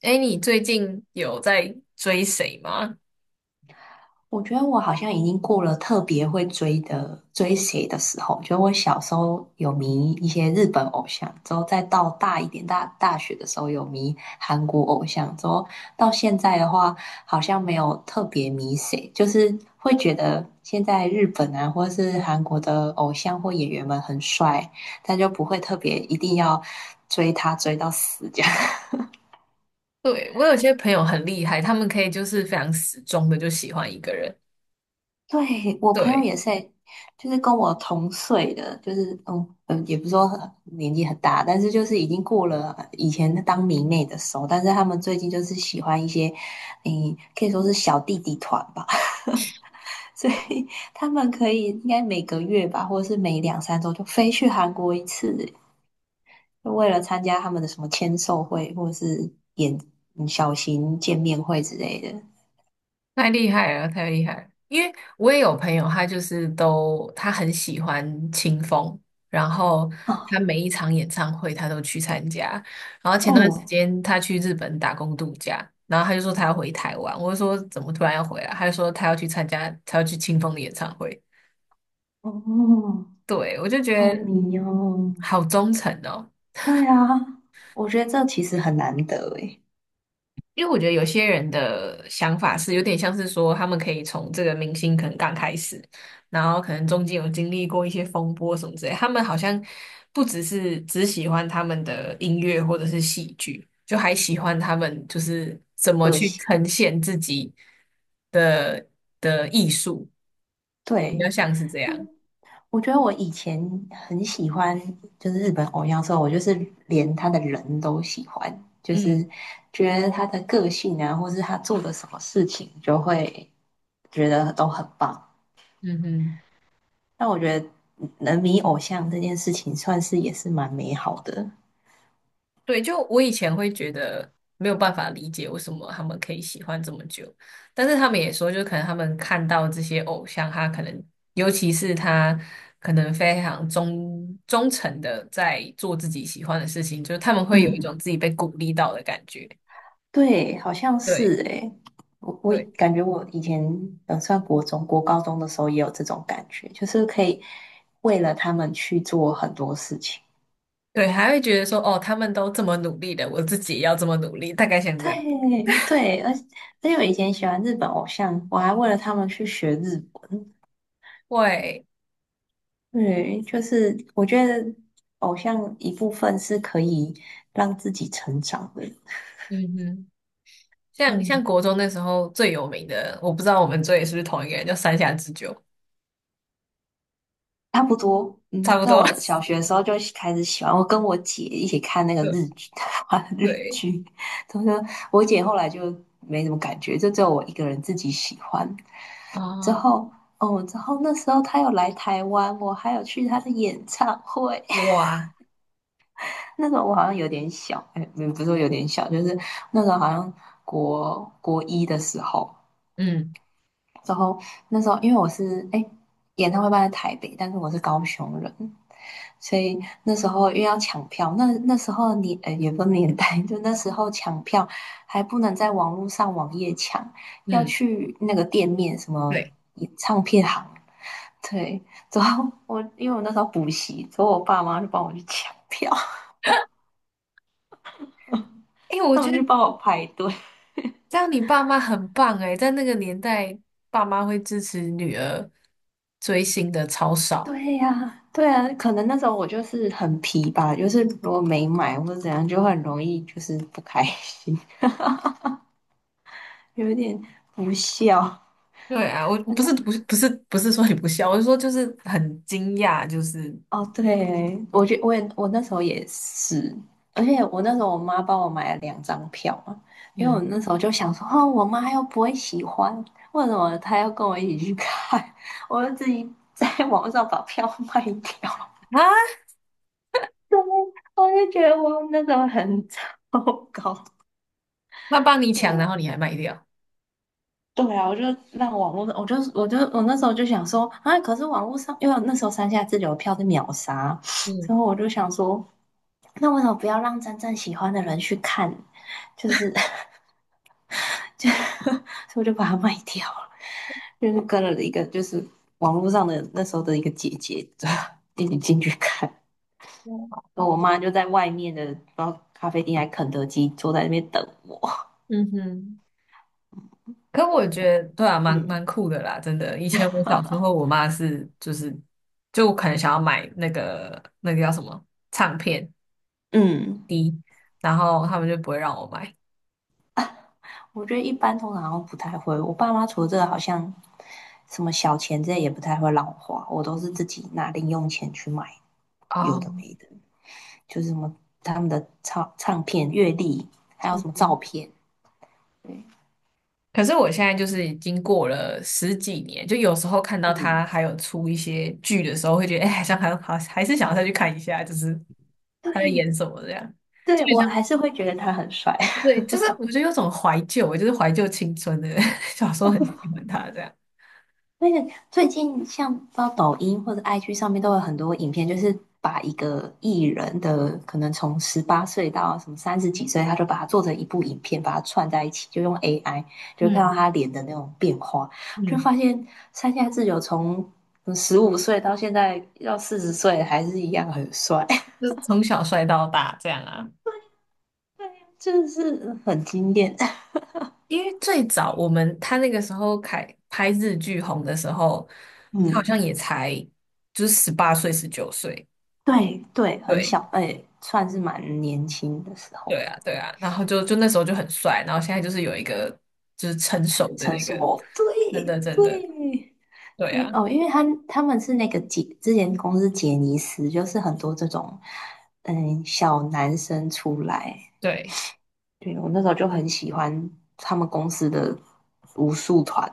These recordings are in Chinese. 哎，你最近有在追谁吗？我觉得我好像已经过了特别会追谁的时候。就我小时候有迷一些日本偶像，之后再到大一点大学的时候有迷韩国偶像，之后到现在的话，好像没有特别迷谁，就是会觉得现在日本啊或是韩国的偶像或演员们很帅，但就不会特别一定要追他追到死这样。对，我有些朋友很厉害，他们可以就是非常死忠的就喜欢一个人，对，我朋友对，也是欸，就是跟我同岁的，就是也不是说很年纪很大，但是就是已经过了以前当迷妹的时候，但是他们最近就是喜欢一些，可以说是小弟弟团吧，所以他们可以应该每个月吧，或者是每两三周就飞去韩国一次欸，就为了参加他们的什么签售会或者是演小型见面会之类的。太厉害了，太厉害了。因为我也有朋友，他就是都他很喜欢清风，然后他啊，每一场演唱会他都去参加。然后前段时哦间他去日本打工度假，然后他就说他要回台湾，我就说怎么突然要回来？他就说他要去参加，他要去清风的演唱会。哦，对，我就好觉得迷哦。好忠诚哦。对啊，我觉得这其实很难得诶。因为我觉得有些人的想法是有点像是说，他们可以从这个明星可能刚开始，然后可能中间有经历过一些风波什么之类，他们好像不只是只喜欢他们的音乐或者是戏剧，就还喜欢他们就是怎么个去性。呈现自己的的艺术，比对，较像是这就样。我觉得我以前很喜欢，就是日本偶像的时候，我就是连他的人都喜欢，就是嗯觉得他的个性啊，或是他做的什么事情，就会觉得都很棒。嗯哼。但我觉得能迷偶像这件事情，算是也是蛮美好的。对，就我以前会觉得没有办法理解为什么他们可以喜欢这么久，但是他们也说，就可能他们看到这些偶像，他可能尤其是他可能非常忠诚的在做自己喜欢的事情，就是他们会有一嗯种自己被鼓励到的感觉。对，好像对是诶，我对感觉我以前算国中、国高中的时候也有这种感觉，就是可以为了他们去做很多事情。对，还会觉得说，哦，他们都这么努力的，我自己也要这么努力，大概像这样。对对，而且我以前喜欢日本偶像，我还为了他们去学日文。会，对，就是我觉得偶像一部分是可以让自己成长的。嗯哼，像嗯，国中那时候最有名的，我不知道我们追的是不是同一个人，叫山下智久，差不多，差不在多。我的 小学的时候就开始喜欢，我跟我姐一起看那个对日剧，日对剧，她说我姐后来就没什么感觉，就只有我一个人自己喜欢。之哦，后，哦，之后那时候她有来台湾，我还有去她的演唱会。哇，那时候我好像有点小，哎，不是说有点小，就是那时候好像国一的时候，嗯然后那时候因为我是哎诶演唱会办在台北，但是我是高雄人，所以那时候因为要抢票，那时候也不是年代，就那时候抢票还不能在网络上网页抢，要嗯，去那个店面什么对，唱片行。对，之后因为我那时候补习，之后我爸妈就帮我去抢票，哎，我他觉们得去帮我排队。这样你爸妈很棒哎，在那个年代，爸妈会支持女儿追星的超少诶。对呀，对啊，可能那时候我就是很皮吧，就是如果没买或者怎样，就很容易就是不开心，有一点不孝。对啊，我不是说你不孝，我是说就是很惊讶，就是哦，对，我那时候也是，而且我那时候我妈帮我买了两张票嘛，因为我嗯那时候就想说，哦，我妈又不会喜欢，为什么她要跟我一起去看？我就自己在 网上把票卖掉。啊，对，我就觉得我那时候很 糟糕。那帮你 抢，然我后你还卖掉，对啊，我就让网络，我那时候就想说啊，可是网络上，因为那时候三下自由票是秒杀，嗯所以我就想说，那为什么不要让真正喜欢的人去看？就是 就 所以我就把它卖掉了，就是跟了一个就是网络上的那时候的一个姐姐，一起进去看，然后我妈就在外面的不知道咖啡店还肯德基坐在那边等我。嗯哼。可我觉得对啊，蛮嗯蛮酷的啦，真的。以前我小时候，我妈是就是就我可能想要买那个叫什么唱片，嗯。然后他们就不会让我买。我觉得一般通常好像不太会，我爸妈除了这个好像什么小钱这些也不太会让我花，我都是自己拿零用钱去买有的哦，没的，就是什么他们的唱片、阅历，还有嗯什么照嗯。片。对，可是我现在就是已经过了十几年，就有时候看到他嗯，还有出一些剧的时候，会觉得哎，好像还好，还是想要再去看一下，就是他在演对，什么这样，就对有我还像是会觉得他很帅。对，就是我觉得有种怀旧，就是怀旧青春的，小时候很喜欢他这样。那个最近像到抖音或者 IG 上面都有很多影片，就是把一个艺人的可能从18岁到什么30几岁，他就把它做成一部影片，把它串在一起，就用 AI 就看嗯到他脸的那种变化，就嗯。发现山下智久从15岁到现在要40岁还是一样很帅。就从小帅到大这样啊。对呀，真的是很惊艳。因为最早我们他那个时候开拍日剧红的时候，他好嗯，像也才就是18岁、19岁，对对，很对小，哎、算是蛮年轻的时候。对啊，对啊。然后就那时候就很帅，然后现在就是有一个就是成熟的城那市个，魔真对的真的，对，对因啊，为哦，因为他们是那个杰，之前公司杰尼斯，就是很多这种小男生出来，对对我那时候就很喜欢他们公司的武术团，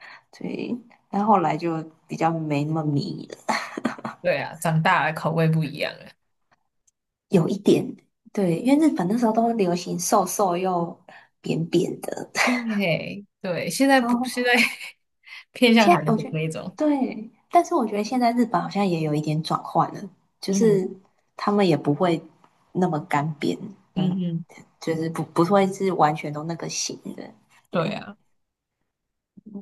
对，但后来就比较没那么迷了，对啊，长大了口味不一样了。有一点，对，因为日本那时候都流行瘦瘦又扁扁的，对对，现 在都不现在 偏向现在韩我国觉得那种，对，但是我觉得现在日本好像也有一点转换了，就嗯是他们也不会那么干瘪嗯嗯，嗯，就是不会是完全都那个型的。对对，啊。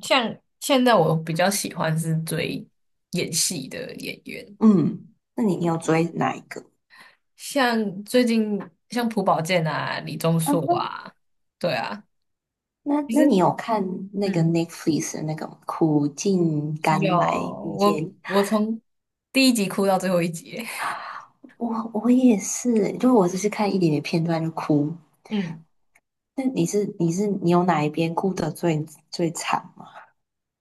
像现在我比较喜欢是追演戏的演员，嗯，那你有追哪一个？像最近像朴宝剑啊、李钟啊，硕啊，对啊，那其那实你有看那个 嗯，Netflix 的那个《苦尽有甘来遇我见你》我从第一集哭到最后一集，我也是，就我只是看一点点片段就哭。嗯，那你有哪一边哭得最惨吗？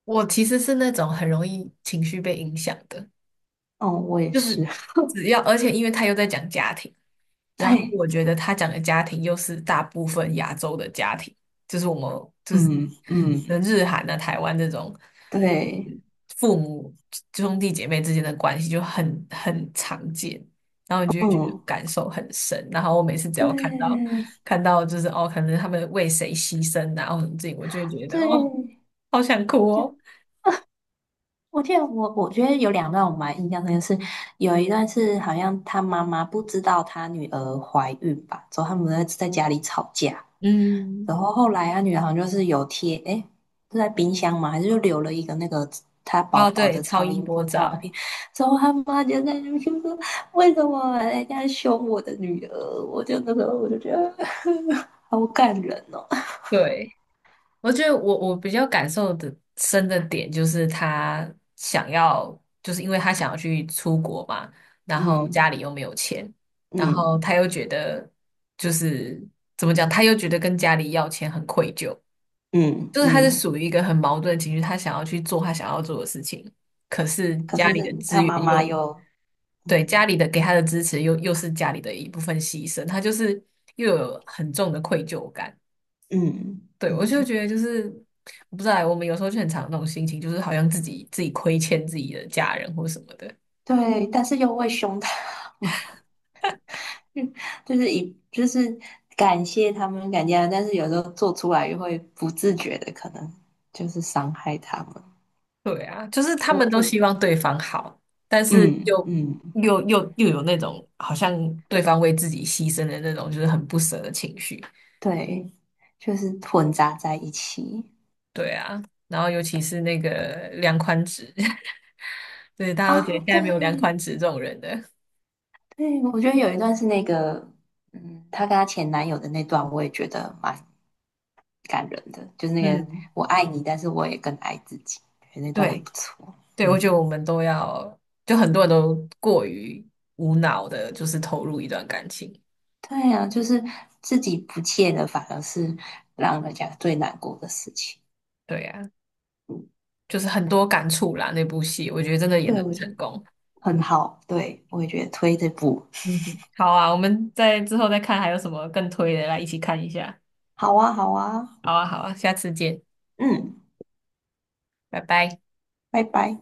我其实是那种很容易情绪被影响的，哦，我也就是是。只要而且因为他又在讲家庭，然后对，我觉得他讲的家庭又是大部分亚洲的家庭，就是我们就是嗯可能嗯，日韩啊、台湾这种。对，父母兄弟姐妹之间的关系就很常见，然后你就会觉得嗯感受很深。然后我每次只要看到对看到就是哦，可能他们为谁牺牲啊，或者这，我就会觉得哦，对，好想哭就哦。我记得我觉得有两段我蛮印象深刻是，有一段是好像他妈妈不知道他女儿怀孕吧，之后他们在家里吵架，嗯，然后后来他女儿好像就是有贴，诶，是在冰箱嘛，还是就留了一个那个他宝哦，宝对，的超超音音波波照照，片，之后他妈就在那边就说为什么人家凶我的女儿，我就那时候我就觉得 好感人哦。对。我觉得我比较感受的深的点就是他想要，就是因为他想要去出国嘛，然后嗯家里又没有钱，然后嗯他又觉得就是怎么讲，他又觉得跟家里要钱很愧疚，嗯就是他是嗯，属于一个很矛盾的情绪，他想要去做他想要做的事情，可是可家是里的资他源妈又妈又对嗯家里的给他的支持又是家里的一部分牺牲，他就是又有很重的愧疚感。嗯对，我就嗯，觉得就是，我不知道，我们有时候就很常有那种心情，就是好像自己亏欠自己的家人或什么的。对，但是又会凶他们，就是就是感谢他们感谢他们，但是有时候做出来又会不自觉的可能就是伤害他们，对啊，就是他就们都就希望对方好，但是嗯又嗯，又又又有那种好像对方为自己牺牲的那种，就是很不舍的情绪。对，就是混杂在一起对啊，然后尤其是那个梁宽直，对，大家都觉得啊，现在没对有梁宽直这种人的。对，我觉得有一段是那个，她跟她前男友的那段，我也觉得蛮感人的，就是那个嗯，我爱你，但是我也更爱自己，觉得那段也对不错。对，我觉得嗯，我们都要，就很多人都过于无脑的，就是投入一段感情。对啊，就是自己不切的，反而是让人家最难过的事情。对呀、就是很多感触啦。那部戏我觉得真的演得对，的我觉成得功。很好，对，我也觉得推这部。嗯哼，好啊，我们在之后再看还有什么更推的，来一起看一下。好啊，好啊，好啊，好啊，下次见，嗯，拜拜。拜拜。